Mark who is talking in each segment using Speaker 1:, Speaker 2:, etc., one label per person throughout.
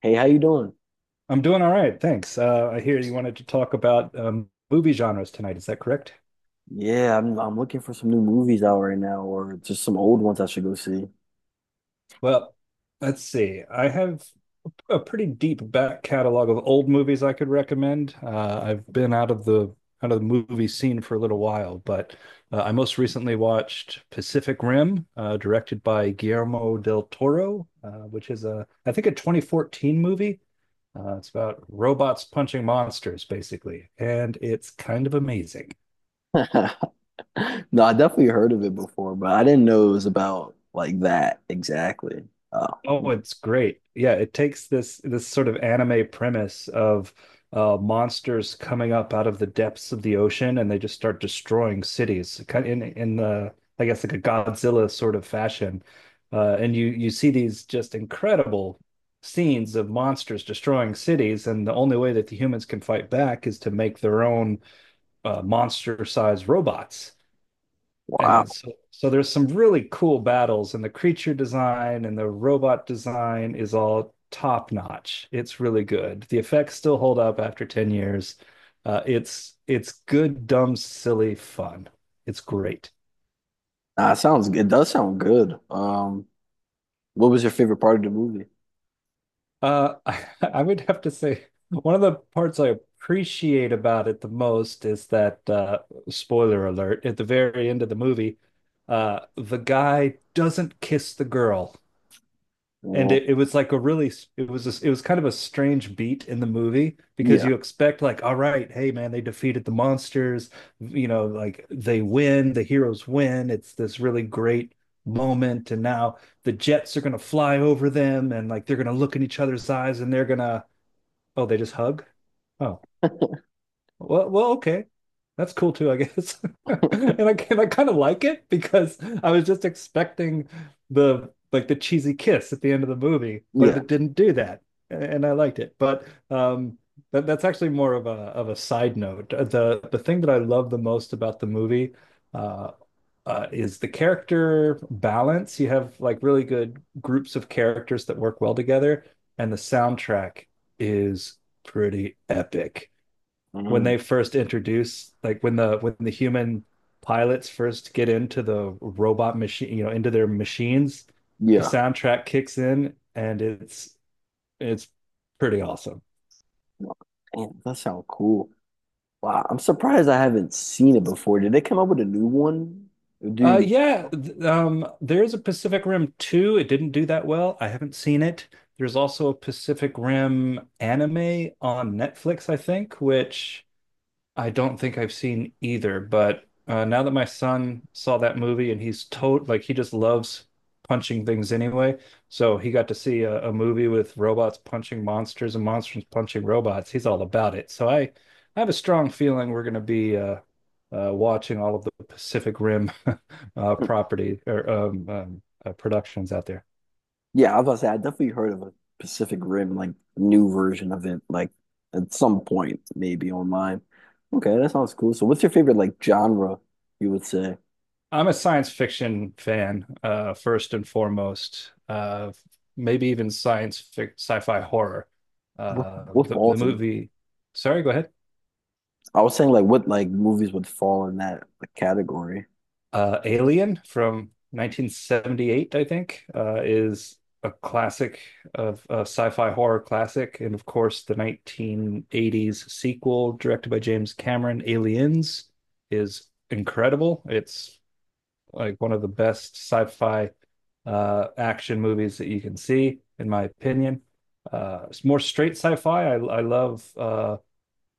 Speaker 1: Hey, how you doing?
Speaker 2: I'm doing all right, thanks. I hear you wanted to talk about movie genres tonight. Is that correct?
Speaker 1: Yeah, I'm looking for some new movies out right now or just some old ones I should go see.
Speaker 2: Well, let's see. I have a pretty deep back catalog of old movies I could recommend. I've been out of the movie scene for a little while, but I most recently watched Pacific Rim, directed by Guillermo del Toro, which is a I think a 2014 movie. It's about robots punching monsters, basically, and it's kind of amazing.
Speaker 1: No, I definitely heard of it before, but I didn't know it was about like that exactly. Oh,
Speaker 2: Oh, it's great. Yeah, it takes this sort of anime premise of monsters coming up out of the depths of the ocean, and they just start destroying cities, kind in the I guess like a Godzilla sort of fashion. And you see these just incredible scenes of monsters destroying cities, and the only way that the humans can fight back is to make their own monster-sized robots.
Speaker 1: wow.
Speaker 2: And so, there's some really cool battles, and the creature design and the robot design is all top notch. It's really good. The effects still hold up after 10 years. It's good, dumb, silly fun. It's great.
Speaker 1: Nah, it does sound good. What was your favorite part of the movie?
Speaker 2: I would have to say one of the parts I appreciate about it the most is that spoiler alert, at the very end of the movie, the guy doesn't kiss the girl. And
Speaker 1: Well,
Speaker 2: it was like a really it was kind of a strange beat in the movie, because
Speaker 1: yeah,
Speaker 2: you expect, like, all right, hey man, they defeated the monsters, you know, like they win, the heroes win, it's this really great moment, and now the jets are going to fly over them, and like they're going to look in each other's eyes, and they're going to, oh, they just hug. Oh, okay. That's cool too, I guess. And I kind of like it because I was just expecting the like the cheesy kiss at the end of the movie, but
Speaker 1: yeah,
Speaker 2: it didn't do that, and I liked it. But that's actually more of a side note. The thing that I love the most about the movie uh, is the character balance. You have like really good groups of characters that work well together, and the soundtrack is pretty epic when
Speaker 1: mhm,
Speaker 2: they first introduce, like, when the human pilots first get into the robot machine, you know, into their machines, the
Speaker 1: yeah.
Speaker 2: soundtrack kicks in, and it's pretty awesome.
Speaker 1: Damn, that sounds cool. Wow, I'm surprised I haven't seen it before. Did they come up with a new one?
Speaker 2: Uh
Speaker 1: Dude,
Speaker 2: yeah, th- um there's a Pacific Rim 2. It didn't do that well. I haven't seen it. There's also a Pacific Rim anime on Netflix, I think, which I don't think I've seen either, but now that my son saw that movie, and he's tot like he just loves punching things anyway, so he got to see a movie with robots punching monsters and monsters punching robots. He's all about it. So I have a strong feeling we're going to be watching all of the Pacific Rim property or productions out there.
Speaker 1: yeah, I was about to say I definitely heard of a Pacific Rim, like, new version of it, like, at some point maybe online. Okay, that sounds cool. So what's your favorite like genre you would say?
Speaker 2: I'm a science fiction fan, first and foremost. Maybe even science fic sci-fi horror. Uh,
Speaker 1: What
Speaker 2: the the
Speaker 1: falls in?
Speaker 2: movie, Sorry, go ahead.
Speaker 1: I was saying like what like movies would fall in that like category.
Speaker 2: Alien from 1978, I think, is a classic, of a sci-fi horror classic, and of course, the 1980s sequel directed by James Cameron, Aliens, is incredible. It's like one of the best sci-fi action movies that you can see, in my opinion. It's more straight sci-fi. I love uh,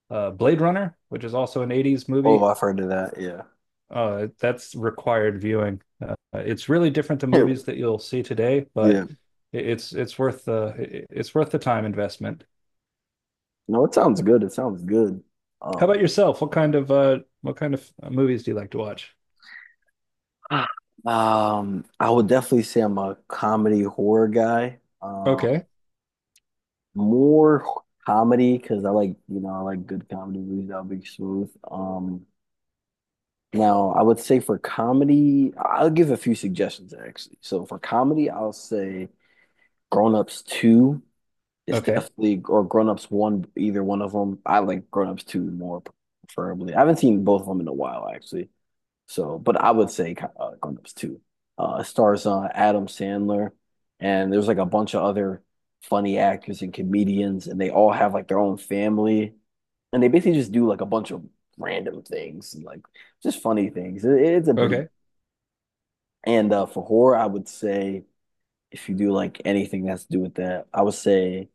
Speaker 2: uh, Blade Runner, which is also an 80s
Speaker 1: Oh,
Speaker 2: movie.
Speaker 1: I've heard of that. Yeah.
Speaker 2: That's required viewing. It's really different than movies that you'll see today, but
Speaker 1: Yeah.
Speaker 2: it's it's worth the it's worth the time investment.
Speaker 1: No, it sounds good. It sounds good.
Speaker 2: How
Speaker 1: Um
Speaker 2: about yourself? What kind of movies do you like to watch?
Speaker 1: Ah. I would definitely say I'm a comedy horror guy.
Speaker 2: Okay,
Speaker 1: More comedy because I like, I like good comedy movies. That'll be smooth. Now I would say for comedy, I'll give a few suggestions actually. So for comedy, I'll say Grown Ups 2 is
Speaker 2: okay,
Speaker 1: definitely, or Grown Ups 1, either one of them. I like Grown Ups 2 more preferably. I haven't seen both of them in a while actually. So, but I would say Gundams 2. It stars Adam Sandler, and there's like a bunch of other funny actors and comedians, and they all have like their own family, and they basically just do like a bunch of random things, and like just funny things. It's a pretty
Speaker 2: okay.
Speaker 1: and for horror, I would say if you do like anything that's to do with that, I would say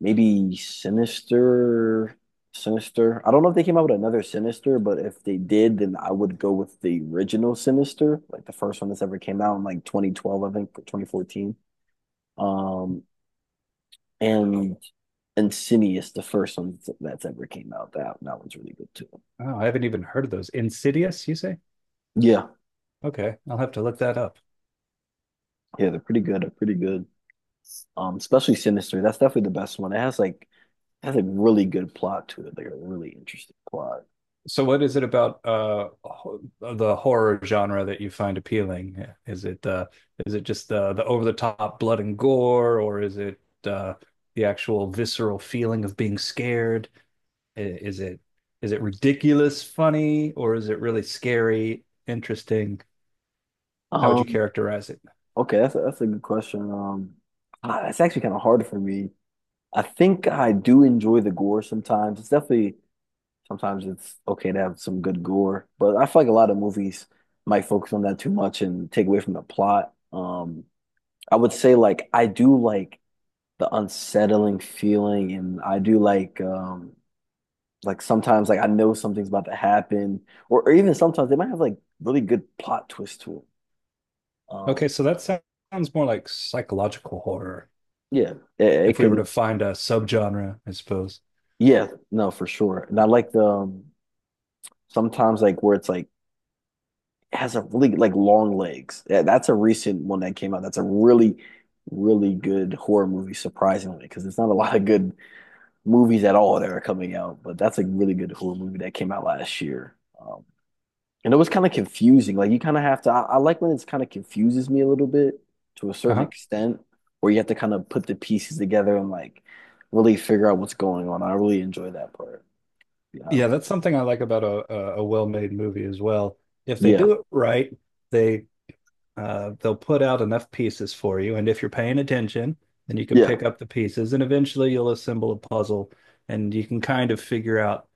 Speaker 1: maybe Sinister, Sinister. I don't know if they came out with another Sinister, but if they did, then I would go with the original Sinister, like the first one that's ever came out in like 2012, I think, or 2014. Um, and Insidious, the first one that's ever came out. That one's really good too.
Speaker 2: Oh, I haven't even heard of those. Insidious, you say?
Speaker 1: Yeah,
Speaker 2: Okay, I'll have to look that up.
Speaker 1: yeah, they're pretty good. They're pretty good. Especially Sinister. That's definitely the best one. It has a really good plot to it, like a really interesting plot.
Speaker 2: So what is it about the horror genre that you find appealing? Is it uh is it just the over the top blood and gore, or is it uh the actual visceral feeling of being scared? Is it ridiculous funny, or is it really scary, interesting? How would you
Speaker 1: Um,
Speaker 2: characterize it?
Speaker 1: Okay, that's a good question. It's actually kind of hard for me. I think I do enjoy the gore sometimes. It's definitely sometimes it's okay to have some good gore, but I feel like a lot of movies might focus on that too much and take away from the plot. I would say like I do like the unsettling feeling, and I do like sometimes like I know something's about to happen, or even sometimes they might have like really good plot twist to it. Um,
Speaker 2: Okay, so that sounds more like psychological horror,
Speaker 1: yeah, it
Speaker 2: if we were to
Speaker 1: could.
Speaker 2: find a subgenre, I suppose.
Speaker 1: Yeah, no, for sure. And I like the sometimes like where it's like has a really like long legs. Yeah, that's a recent one that came out. That's a really, really good horror movie, surprisingly, because there's not a lot of good movies at all that are coming out. But that's a really good horror movie that came out last year. And it was kind of confusing. Like you kind of have to. I like when it's kind of confuses me a little bit to a certain extent, where you have to kind of put the pieces together and like really figure out what's going on. I really enjoy that part, to be
Speaker 2: Yeah,
Speaker 1: honest.
Speaker 2: that's something I like about a well-made movie as well. If they
Speaker 1: Yeah.
Speaker 2: do it right, they they'll put out enough pieces for you, and if you're paying attention, then you can
Speaker 1: Yeah.
Speaker 2: pick up the pieces, and eventually you'll assemble a puzzle, and you can kind of figure out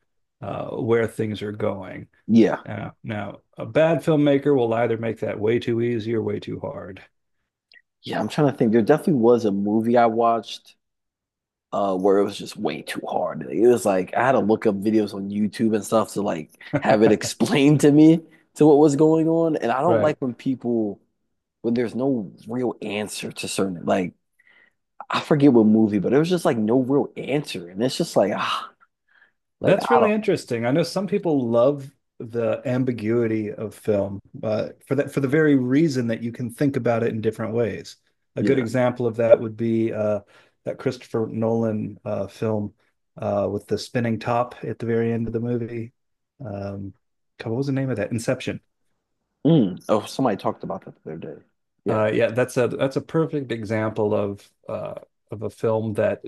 Speaker 2: where things are going.
Speaker 1: Yeah.
Speaker 2: Now, a bad filmmaker will either make that way too easy or way too hard.
Speaker 1: Yeah. I'm trying to think. There definitely was a movie I watched where it was just way too hard. It was like I had to look up videos on YouTube and stuff to like have it explained to me to what was going on. And I don't like
Speaker 2: Right.
Speaker 1: when people when there's no real answer to certain like I forget what movie, but it was just like no real answer. And it's just like ah like
Speaker 2: That's
Speaker 1: I
Speaker 2: really
Speaker 1: don't
Speaker 2: interesting. I know some people love the ambiguity of film, for that for the very reason that you can think about it in different ways. A good
Speaker 1: yeah.
Speaker 2: example of that would be that Christopher Nolan film with the spinning top at the very end of the movie. Um, God, what was the name of that? Inception.
Speaker 1: Mm. Oh, somebody talked about that the other day. Yeah.
Speaker 2: Yeah, that's a perfect example of a film that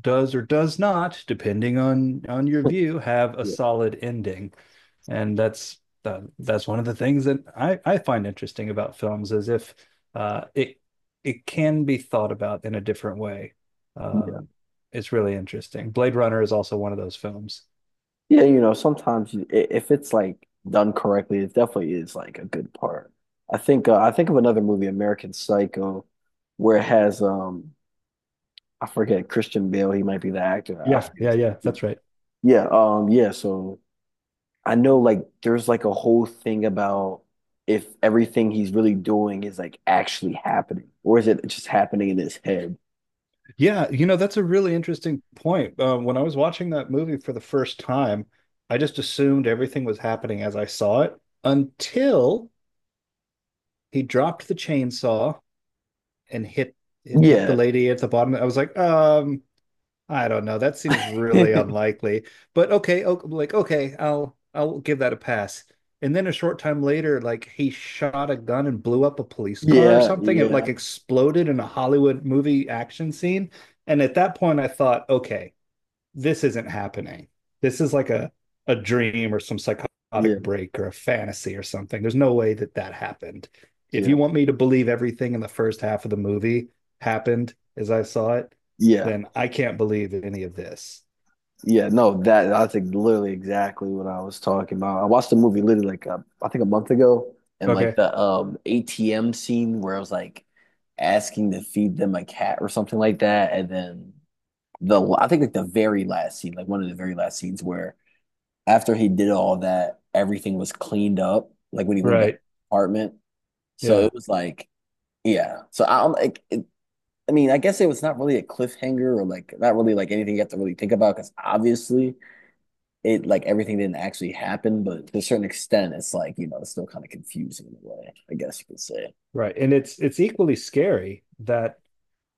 Speaker 2: does or does not, depending on your view, have a solid ending, and that's one of the things that I find interesting about films, is if uh, it it can be thought about in a different way.
Speaker 1: Yeah.
Speaker 2: Um it's really interesting. Blade Runner is also one of those films.
Speaker 1: Yeah, you know, sometimes if it's like done correctly, it definitely is like a good part. I think of another movie, American Psycho, where it has I forget Christian Bale, he might be the actor. I
Speaker 2: Yeah,
Speaker 1: forget
Speaker 2: yeah,
Speaker 1: his
Speaker 2: yeah.
Speaker 1: name.
Speaker 2: That's right.
Speaker 1: Yeah, um, yeah, so I know like there's like a whole thing about if everything he's really doing is like actually happening, or is it just happening in his head?
Speaker 2: Yeah, you know, that's a really interesting point. When I was watching that movie for the first time, I just assumed everything was happening as I saw it, until he dropped the chainsaw and hit the
Speaker 1: Yeah.
Speaker 2: lady at the bottom. I was like, I don't know. That seems really unlikely. But okay, o like okay, I'll give that a pass. And then a short time later, like he shot a gun and blew up a police car or
Speaker 1: Yeah,
Speaker 2: something. It
Speaker 1: yeah,
Speaker 2: like exploded in a Hollywood movie action scene. And at that point, I thought, okay, this isn't happening. This is like a dream or some
Speaker 1: yeah,
Speaker 2: psychotic
Speaker 1: yeah,
Speaker 2: break or a fantasy or something. There's no way that that happened. If
Speaker 1: yeah.
Speaker 2: you want me to believe everything in the first half of the movie happened as I saw it,
Speaker 1: Yeah.
Speaker 2: then I can't believe any of this.
Speaker 1: Yeah, no, that that's like literally exactly what I was talking about. I watched the movie literally like I think a month ago, and like
Speaker 2: Okay.
Speaker 1: the ATM scene where I was like asking to feed them a cat or something like that, and then the I think like the very last scene, like one of the very last scenes where after he did all that, everything was cleaned up, like when he went back to
Speaker 2: Right.
Speaker 1: the apartment. So
Speaker 2: Yeah.
Speaker 1: it was like, yeah. So I'm like, it, I mean, I guess it was not really a cliffhanger or like not really like anything you have to really think about because obviously it like everything didn't actually happen, but to a certain extent, it's like, you know, it's still kind of confusing in a way, I guess you could say.
Speaker 2: Right. And it's equally scary that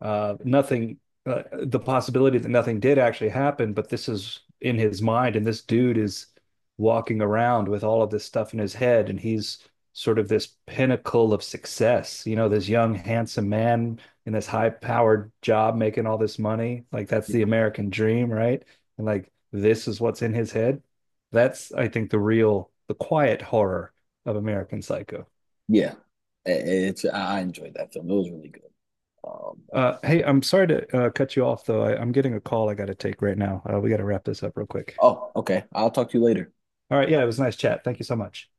Speaker 2: nothing, the possibility that nothing did actually happen, but this is in his mind, and this dude is walking around with all of this stuff in his head, and he's sort of this pinnacle of success, you know, this young, handsome man in this high-powered job making all this money. Like that's the American dream, right? And like this is what's in his head. That's, I think, the real, the quiet horror of American Psycho.
Speaker 1: Yeah. It's I enjoyed that film. It was really good. Um,
Speaker 2: Hey, I'm sorry to cut you off, though. I'm getting a call I got to take right now. We got to wrap this up real quick.
Speaker 1: oh, okay. I'll talk to you later.
Speaker 2: All right. Yeah, it was nice chat. Thank you so much.